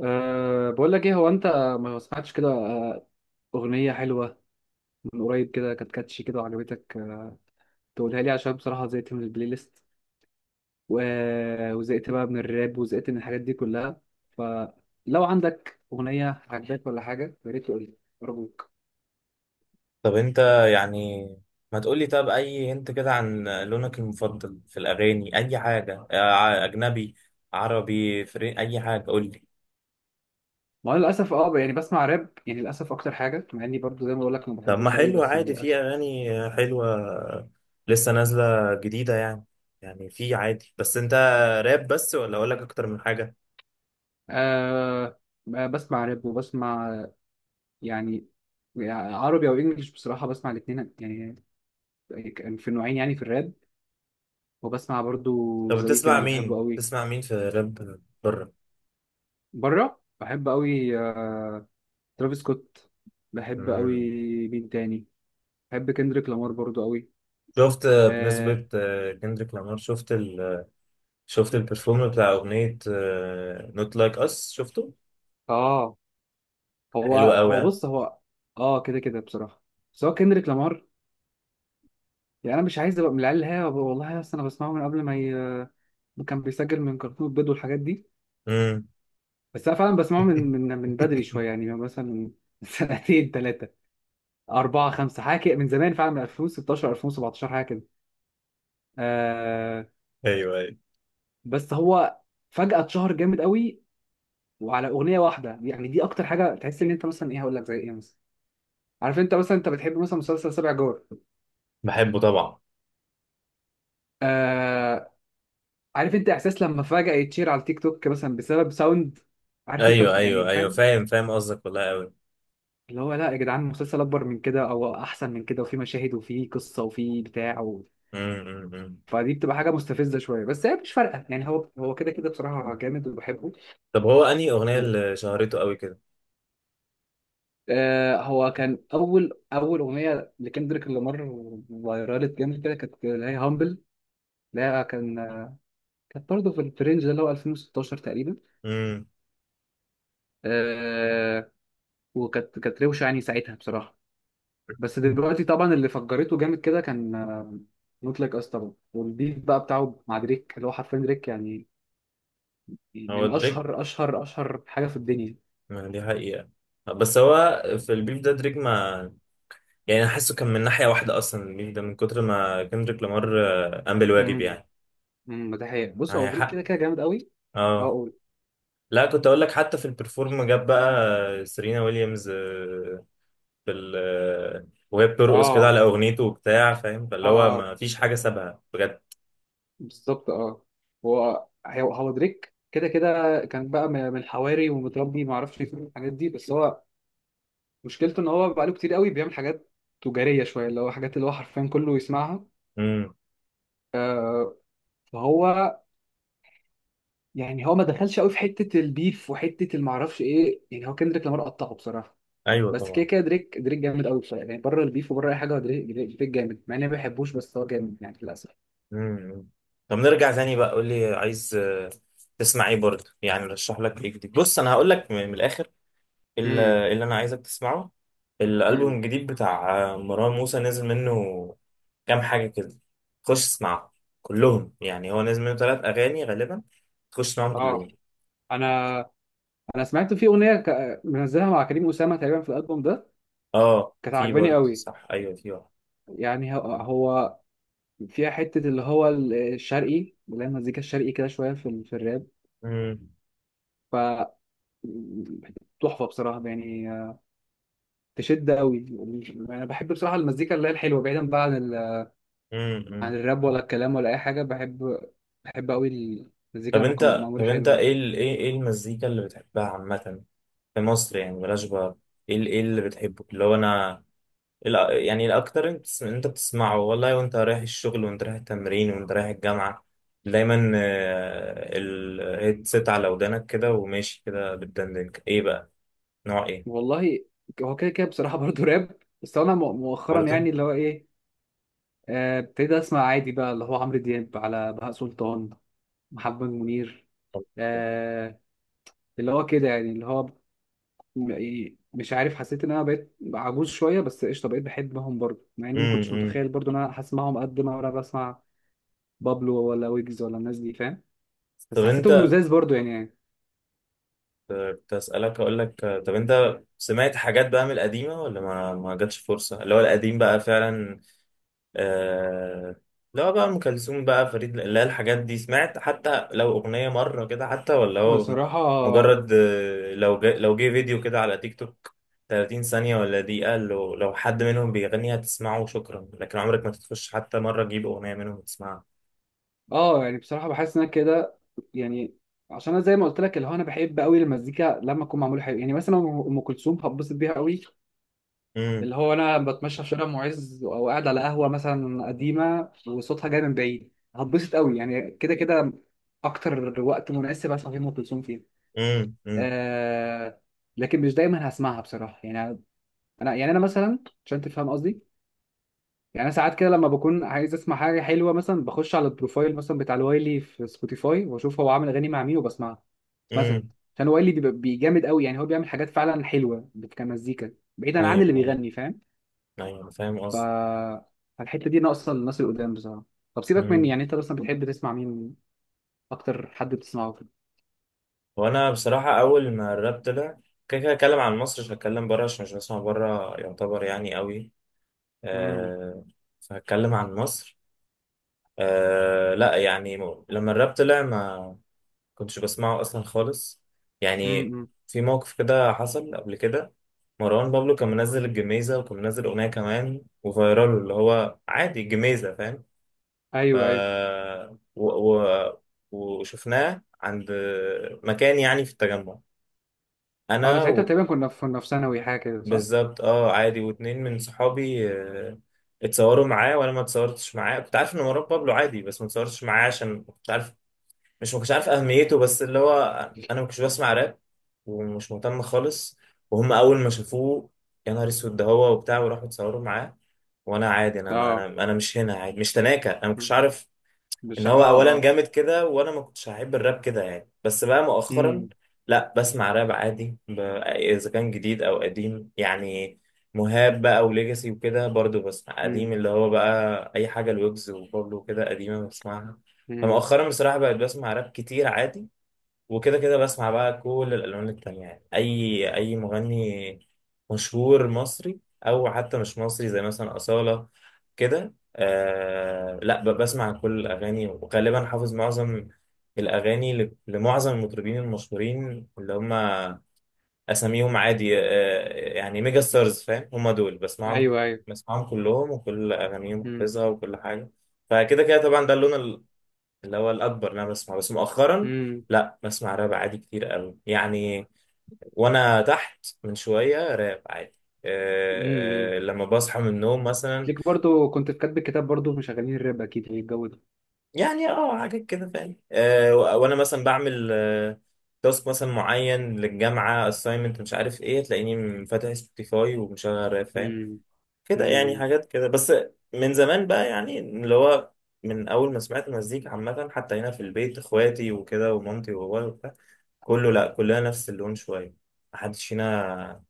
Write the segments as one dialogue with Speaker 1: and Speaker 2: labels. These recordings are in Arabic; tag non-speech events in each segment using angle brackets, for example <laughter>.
Speaker 1: بقول لك ايه هو انت ما سمعتش كده، اغنيه حلوه من قريب كده كانت كاتشي كده وعجبتك، تقولها لي عشان بصراحه زهقت من البلاي ليست وزهقت بقى من الراب وزهقت من الحاجات دي كلها، فلو عندك اغنيه عجباك ولا حاجه يا ريت تقول لي ارجوك.
Speaker 2: طب انت، يعني ما تقولي طب اي انت كده عن لونك المفضل في الاغاني؟ اي حاجه، اجنبي، عربي، فري، اي حاجه قولي.
Speaker 1: ما انا للاسف يعني بسمع راب، يعني للاسف اكتر حاجه مع اني برضو زي ما بقول لك ما
Speaker 2: طب ما
Speaker 1: بحبوش قوي
Speaker 2: حلو،
Speaker 1: بس يعني
Speaker 2: عادي في
Speaker 1: للاسف.
Speaker 2: اغاني حلوه لسه نازله جديده يعني. يعني في عادي، بس انت راب بس ولا اقول لك اكتر من حاجه؟
Speaker 1: أه بسمع راب وبسمع، يعني عربي او انجليش، بصراحه بسمع الاثنين يعني كان في النوعين، يعني في الراب، وبسمع برضو
Speaker 2: طب
Speaker 1: ذا
Speaker 2: بتسمع
Speaker 1: ويكند بحبه
Speaker 2: مين،
Speaker 1: قوي،
Speaker 2: بتسمع مين في راب بره؟
Speaker 1: بره بحب قوي، ترافيس سكوت بحب قوي.
Speaker 2: امم.
Speaker 1: مين تاني؟ بحب كندريك لامار برضو قوي.
Speaker 2: شفت
Speaker 1: اه
Speaker 2: بنسبه، كندريك لامار، شفت ال... شفت البرفورم بتاع اغنيه نوت لايك اس؟ شفته؟
Speaker 1: آه، هو
Speaker 2: حلو قوي،
Speaker 1: هو
Speaker 2: ها.
Speaker 1: بص هو اه، كده كده بصراحة. بس هو كندريك لامار يعني انا مش عايز ابقى من العيال اللي هي والله اصل انا بسمعه من قبل ما ي... كان بيسجل من كرتون البيض والحاجات دي.
Speaker 2: امم.
Speaker 1: بس انا فعلا بسمعه من بدري
Speaker 2: <laughs>
Speaker 1: شوية، يعني مثلا من <laughs> سنتين ثلاثة أربعة خمسة حاجة كده، من زمان فعلا من 2016 2017 حاجة كده آه
Speaker 2: ايوه ايوه،
Speaker 1: بس هو فجأة اتشهر جامد قوي وعلى أغنية واحدة. يعني دي أكتر حاجة تحس إن أنت مثلا، إيه هقول لك زي إيه مثلا؟ عارف أنت مثلا أنت بتحب مثلا مسلسل سبع جار؟
Speaker 2: بحبه طبعا.
Speaker 1: آه. عارف أنت إحساس لما فجأة يتشير على التيك توك مثلا بسبب ساوند؟ عارف أنت
Speaker 2: ايوه
Speaker 1: يعني
Speaker 2: ايوه ايوه،
Speaker 1: فاهم؟
Speaker 2: فاهم فاهم قصدك، والله قوي.
Speaker 1: اللي هو لا يا جدعان، مسلسل أكبر من كده أو أحسن من كده، وفي مشاهد وفي قصة وفي بتاع
Speaker 2: امم.
Speaker 1: فدي بتبقى حاجة مستفزة شوية، بس هي مش فارقة. يعني هو كده كده بصراحة جامد وبحبه.
Speaker 2: طب هو انهي اغنيه اللي شهرته قوي كده؟
Speaker 1: آه، هو كان اول اغنيه لكندريك لامار فايرالت جامد كده، كانت اللي هي هامبل، اللي هي كانت برضه في الفرنج ده اللي هو 2016 تقريبا.
Speaker 2: امم.
Speaker 1: آه، وكانت روشه يعني ساعتها بصراحه. بس دلوقتي طبعا اللي فجرته جامد كده كان نوت لايك اس طبعا، والبيف بقى بتاعه مع دريك، اللي هو حرفيا دريك يعني
Speaker 2: هو
Speaker 1: من
Speaker 2: دريك،
Speaker 1: اشهر حاجه في الدنيا.
Speaker 2: ما دي حقيقه، بس هو في البيف ده دريك ما، يعني انا حاسه كان من ناحيه واحده اصلا البيف ده، من كتر ما كندريك لامار قام بالواجب
Speaker 1: امم
Speaker 2: يعني.
Speaker 1: امم. ده حقيقة، بص هو
Speaker 2: معايا
Speaker 1: دريك
Speaker 2: حق؟
Speaker 1: كده كده جامد قوي. اه
Speaker 2: اه.
Speaker 1: قول.
Speaker 2: لا، كنت اقول لك حتى في البرفورم جاب بقى سيرينا ويليامز في ال، وهي بترقص كده
Speaker 1: اه
Speaker 2: على اغنيته وبتاع، فاهم؟ فاللي هو
Speaker 1: اه
Speaker 2: ما فيش حاجه سابها بجد.
Speaker 1: بالظبط اه. هو دريك كده كده كان بقى من الحواري ومتربي ما اعرفش فين الحاجات دي. بس هو مشكلته ان هو بقى له كتير قوي بيعمل حاجات تجاريه شويه اللي هو حاجات اللي هو حرفيا كله يسمعها.
Speaker 2: امم.
Speaker 1: فهو يعني هو ما دخلش قوي في حته البيف وحته ما اعرفش ايه، يعني هو كندريك لامار قطعه بصراحه.
Speaker 2: ايوه
Speaker 1: بس كده
Speaker 2: طبعا.
Speaker 1: كده دريك جامد قوي بصراحه، يعني بره البيف وبره اي حاجه، هو دريك جامد مع اني ما بحبوش، بس هو جامد يعني للاسف.
Speaker 2: امم. طب نرجع تاني بقى، قول لي عايز تسمع ايه برضه يعني؟ رشح لك ايه جديد. بص انا هقول لك من الاخر
Speaker 1: امم
Speaker 2: اللي انا عايزك تسمعه. الالبوم
Speaker 1: امم.
Speaker 2: الجديد بتاع مروان موسى نزل منه كام حاجه كده، خش اسمعهم كلهم. يعني هو نزل منه ثلاث اغاني غالبا، خش اسمعهم
Speaker 1: اه،
Speaker 2: كلهم.
Speaker 1: انا انا سمعت في اغنيه منزلها مع كريم اسامه تقريبا في الالبوم ده،
Speaker 2: اه
Speaker 1: كانت
Speaker 2: في
Speaker 1: عاجباني
Speaker 2: برضه
Speaker 1: قوي.
Speaker 2: صح، ايوه في واحد.
Speaker 1: يعني هو فيها حتة اللي هو الشرقي، اللي هي المزيكا الشرقي كده شوية في في الراب، ف تحفة بصراحة يعني، تشد قوي. أنا بحب بصراحة المزيكا اللي هي الحلوة، بعيدا بقى عن عن
Speaker 2: امم.
Speaker 1: الراب ولا الكلام ولا أي حاجة. بحب، بحب قوي المزيكا
Speaker 2: طب
Speaker 1: لما تكون
Speaker 2: انت طب
Speaker 1: معمولة
Speaker 2: انت
Speaker 1: حلوة
Speaker 2: ايه
Speaker 1: يعني.
Speaker 2: ال... ايه ايه المزيكا اللي بتحبها عامة في مصر يعني؟ بلاش بقى ايه ال... ايه اللي بتحبه، اللي هو انا ال... يعني الاكتر انت انت بتسمعه، والله، وانت رايح الشغل وانت رايح التمرين وانت رايح الجامعة، دايما الهيدسيت على ودانك كده وماشي كده، بتدندن ايه بقى؟ نوع ايه؟
Speaker 1: والله هو كده كده بصراحة <laughs> برضه راب، بس أنا مؤخرا
Speaker 2: برضه.
Speaker 1: يعني اللي هو إيه، ابتديت أسمع عادي بقى اللي هو عمرو دياب على بهاء سلطان، محمد منير آه، اللي هو كده يعني اللي هو إيه، مش عارف، حسيت ان انا بقيت عجوز شويه، بس قشطه بقيت بحبهم برضه مع اني ما كنتش
Speaker 2: امم.
Speaker 1: متخيل برضه ان انا هسمعهم قد ما انا بسمع بابلو ولا ويجز ولا الناس دي، فاهم؟
Speaker 2: طب
Speaker 1: بس حسيتهم
Speaker 2: انت،
Speaker 1: لزاز برضه يعني يعني
Speaker 2: كنت اسالك اقول لك طب انت سمعت حاجات بقى من القديمه ولا ما جاتش فرصه اللي هو القديم بقى فعلا؟ آه. لا بقى، ام كلثوم بقى، فريد، لا الحاجات دي سمعت حتى لو اغنيه مره كده، حتى، ولا هو
Speaker 1: بصراحه.
Speaker 2: مجرد لو جه، لو جه فيديو كده على تيك توك 30 ثانيه ولا دقيقه، لو حد منهم بيغني هتسمعه وشكرا، لكن عمرك ما تخش حتى مره تجيب اغنيه منهم وتسمعها.
Speaker 1: اه يعني بصراحه بحس ان انا كده، يعني عشان انا زي ما قلت لك اللي هو انا بحب قوي المزيكا لما اكون معموله حلو. يعني مثلا ام كلثوم هتبسط بيها قوي،
Speaker 2: امم.
Speaker 1: اللي هو انا بتمشى في شارع معز او قاعد على قهوه مثلا قديمه وصوتها جاي من بعيد هتبسط قوي، يعني كده كده اكتر وقت مناسب اسمع فيه ام كلثوم فيه.
Speaker 2: امم. امم.
Speaker 1: آه، لكن مش دايما هسمعها بصراحه يعني. انا يعني انا مثلا، عشان تفهم قصدي، يعني انا ساعات كده لما بكون عايز اسمع حاجه حلوه مثلا، بخش على البروفايل مثلا بتاع الوايلي في سبوتيفاي واشوف هو عامل اغاني مع مين وبسمعها مثلا،
Speaker 2: امم.
Speaker 1: عشان وايلي بيبقى جامد قوي، يعني هو بيعمل حاجات فعلا حلوه كمزيكا بعيدا عن
Speaker 2: ايوه
Speaker 1: اللي
Speaker 2: ايوه
Speaker 1: بيغني، فاهم؟
Speaker 2: ايوه، أنا فاهم قصدي.
Speaker 1: فالحتة دي ناقصة للناس القدام بصراحة. طب سيبك مني،
Speaker 2: امم.
Speaker 1: يعني انت اصلا بتحب تسمع مين؟ اكتر حد بتسمعه كده؟
Speaker 2: وانا بصراحه، اول ما الراب طلع كده كده اتكلم عن مصر، مش هتكلم بره عشان مش بسمع بره يعتبر يعني قوي،
Speaker 1: امم،
Speaker 2: آه، فهتكلم عن مصر. لا يعني، لما الراب طلع ما كنتش بسمعه اصلا خالص يعني.
Speaker 1: امم.
Speaker 2: في موقف كده حصل قبل كده. مروان بابلو كان منزل الجميزة، وكان منزل أغنية كمان وفيرال اللي هو عادي الجميزة، فاهم؟ ف
Speaker 1: ايوه ايوه.
Speaker 2: و... و... وشفناه عند مكان يعني في التجمع.
Speaker 1: اه انا
Speaker 2: أنا
Speaker 1: ساعتها تقريبا كنا في ثانوي حاجة كده، صح؟
Speaker 2: بالظبط، اه، عادي، واتنين من صحابي اتصوروا معاه، وانا ما اتصورتش معاه. كنت عارف ان مروان بابلو عادي، بس ما اتصورتش معاه عشان كنت عارف، مش ما كنتش عارف اهميته، بس اللي هو انا ما كنتش بسمع راب ومش مهتم خالص. وهم اول ما شافوه، يا نهار اسود ده هو وبتاع، وراحوا اتصوروا معاه. وانا عادي، انا انا
Speaker 1: اه.
Speaker 2: انا مش هنا، عادي، مش تناكة، انا ما كنتش
Speaker 1: مم.
Speaker 2: عارف ان
Speaker 1: مش
Speaker 2: هو
Speaker 1: اه
Speaker 2: اولا
Speaker 1: اه.
Speaker 2: جامد كده، وانا ما كنتش هحب الراب كده يعني. بس بقى مؤخرا
Speaker 1: امم
Speaker 2: لا، بسمع راب عادي، اذا كان جديد او قديم يعني. مهاب بقى، وليجاسي، وكده. برضو بسمع قديم
Speaker 1: امم
Speaker 2: اللي هو بقى، اي حاجه، الويجز وبابلو وكده قديمه بسمعها.
Speaker 1: امم.
Speaker 2: فمؤخرا بصراحه بقيت بسمع راب كتير عادي، وكده كده بسمع بقى كل الالوان التانية يعني، اي اي مغني مشهور مصري او حتى مش مصري، زي مثلا اصالة كده. آه لا، بسمع كل الاغاني، وغالبا حافظ معظم الاغاني لمعظم المطربين المشهورين اللي هم اساميهم عادي، آه يعني ميجا ستارز، فاهم؟ هم دول بسمعهم،
Speaker 1: ايوه ايوه.
Speaker 2: بسمعهم كلهم وكل اغانيهم
Speaker 1: امم
Speaker 2: حافظها وكل حاجة. فكده كده طبعا ده اللون اللي هو الأكبر إن أنا بسمعه. بس مؤخرا
Speaker 1: امم
Speaker 2: لا، بسمع راب عادي كتير قوي يعني. وأنا تحت من شوية راب عادي،
Speaker 1: امم.
Speaker 2: أه، لما بصحى من النوم مثلا،
Speaker 1: ليك برضو كنت في كاتب الكتاب برضو مشغلين الراب اكيد، يعني الجو ده.
Speaker 2: يعني اه حاجات كده، فاهم؟ أه، وأنا مثلا بعمل تاسك مثلا معين للجامعة assignment مش عارف ايه، تلاقيني فاتح سبوتيفاي ومشغل راب، فاهم؟
Speaker 1: امم
Speaker 2: كده يعني،
Speaker 1: امم.
Speaker 2: حاجات كده. بس من زمان بقى يعني، اللي هو من أول ما سمعت مزيكا عامة حتى هنا في البيت، إخواتي وكده ومامتي وبابايا وبتاع، كله لا، كلنا نفس اللون شويه، محدش فينا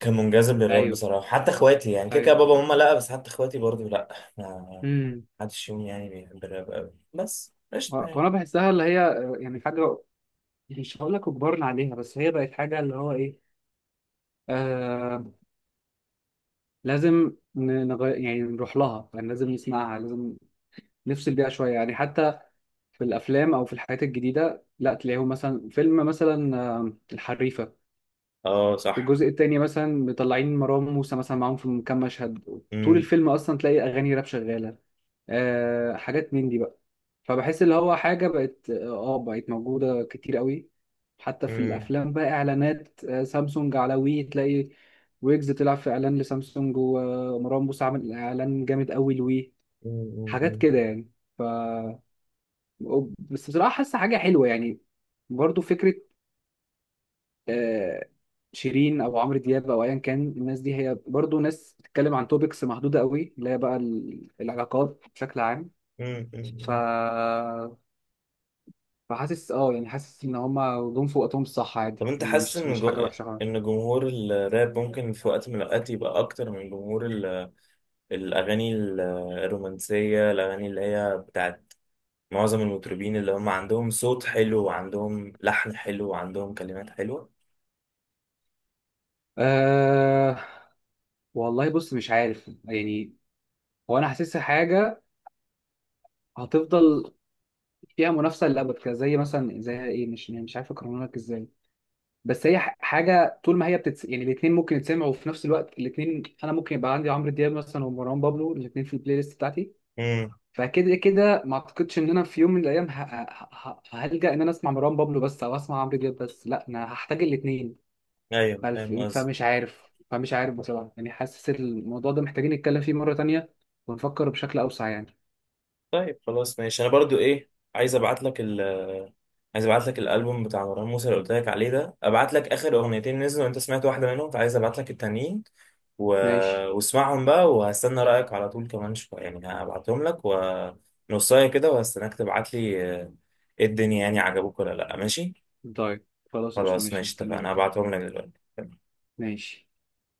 Speaker 2: كان منجذب للراب
Speaker 1: ايوه
Speaker 2: بصراحه. حتى اخواتي يعني، كده كده
Speaker 1: ايوه.
Speaker 2: بابا وماما لا، بس حتى اخواتي برضو لا، ما
Speaker 1: امم.
Speaker 2: حدش فيهم يعني بيحب الراب قوي. بس قشطه
Speaker 1: هو انا
Speaker 2: يعني.
Speaker 1: بحسها اللي هي، يعني حاجه مش هقول لك اجبرنا عليها، بس هي بقت حاجه اللي هو ايه، آه، لازم يعني نروح لها، يعني لازم نسمعها، لازم نفصل بيها شويه يعني. حتى في الافلام او في الحاجات الجديده، لا تلاقيهم مثلا فيلم مثلا، الحريفه
Speaker 2: اه صح.
Speaker 1: الجزء الثاني مثلا مطلعين مروان موسى مثلا معاهم في كام مشهد، طول
Speaker 2: مم.
Speaker 1: الفيلم اصلا تلاقي اغاني راب شغاله. آه حاجات من دي بقى. فبحس اللي هو حاجة بقت اه، بقت موجودة كتير قوي، حتى في
Speaker 2: مم.
Speaker 1: الأفلام بقى، إعلانات آه سامسونج على وي تلاقي ويجز طلع في إعلان لسامسونج، ومروان موسى عامل إعلان جامد قوي لوي.
Speaker 2: مم.
Speaker 1: حاجات
Speaker 2: مم.
Speaker 1: كده يعني، ف بس بصراحة حاسة حاجة حلوة يعني. برضو فكرة آه شيرين أو عمرو دياب أو أيا كان، الناس دي هي برضو ناس بتتكلم عن توبكس محدودة قوي، اللي هي بقى العلاقات بشكل عام.
Speaker 2: مم.
Speaker 1: ف
Speaker 2: مم.
Speaker 1: فحاسس اه يعني حاسس ان هما جم في وقتهم الصح
Speaker 2: طب
Speaker 1: عادي،
Speaker 2: انت
Speaker 1: يعني
Speaker 2: حاسس
Speaker 1: مش
Speaker 2: ان
Speaker 1: مش
Speaker 2: جو...
Speaker 1: حاجه وحشه خالص.
Speaker 2: ان جمهور الراب ممكن في وقت من الاوقات يبقى اكتر من جمهور ال... الاغاني الرومانسيه، الاغاني اللي هي بتاعت معظم المطربين اللي هم عندهم صوت حلو وعندهم لحن حلو وعندهم كلمات حلوة؟
Speaker 1: أه والله بص مش عارف يعني، هو انا حاسسها حاجه هتفضل فيها منافسه للابد كده، زي مثلا زي ايه، مش يعني مش عارف اقارنها لك ازاي، بس هي حاجه طول ما هي يعني الاثنين ممكن يتسمعوا، وفي نفس الوقت الاثنين انا ممكن يبقى عندي عمرو دياب مثلا ومروان بابلو، الاثنين في البلاي ليست بتاعتي.
Speaker 2: امم.
Speaker 1: فكده كده ما اعتقدش ان انا في يوم من الايام هلجأ ان انا اسمع مروان بابلو بس او اسمع عمرو دياب بس، لا انا هحتاج الاثنين.
Speaker 2: ايوه فاهم قصدي.
Speaker 1: فمش عارف، فمش عارف بصراحة يعني، حاسس الموضوع ده محتاجين نتكلم فيه مرة تانية ونفكر بشكل أوسع يعني.
Speaker 2: طيب خلاص ماشي. انا برضو ايه، عايز ابعت لك ال، عايز ابعت لك الالبوم بتاع مروان موسى اللي قلت لك عليه ده، ابعت لك اخر اغنيتين نزلوا، وانت سمعت واحدة منهم فعايز ابعت لك التانيين و...
Speaker 1: ماشي.
Speaker 2: واسمعهم بقى، وهستنى رأيك على طول. كمان شوية يعني هبعتهم لك، ونصاية كده، وهستناك تبعت لي ايه الدنيا يعني، عجبوك ولا لا. ماشي.
Speaker 1: طيب خلاص قشطة،
Speaker 2: خلاص
Speaker 1: ماشي
Speaker 2: ماشي، اتفقنا،
Speaker 1: مستنيين.
Speaker 2: هبعتهم لك دلوقتي.
Speaker 1: ماشي.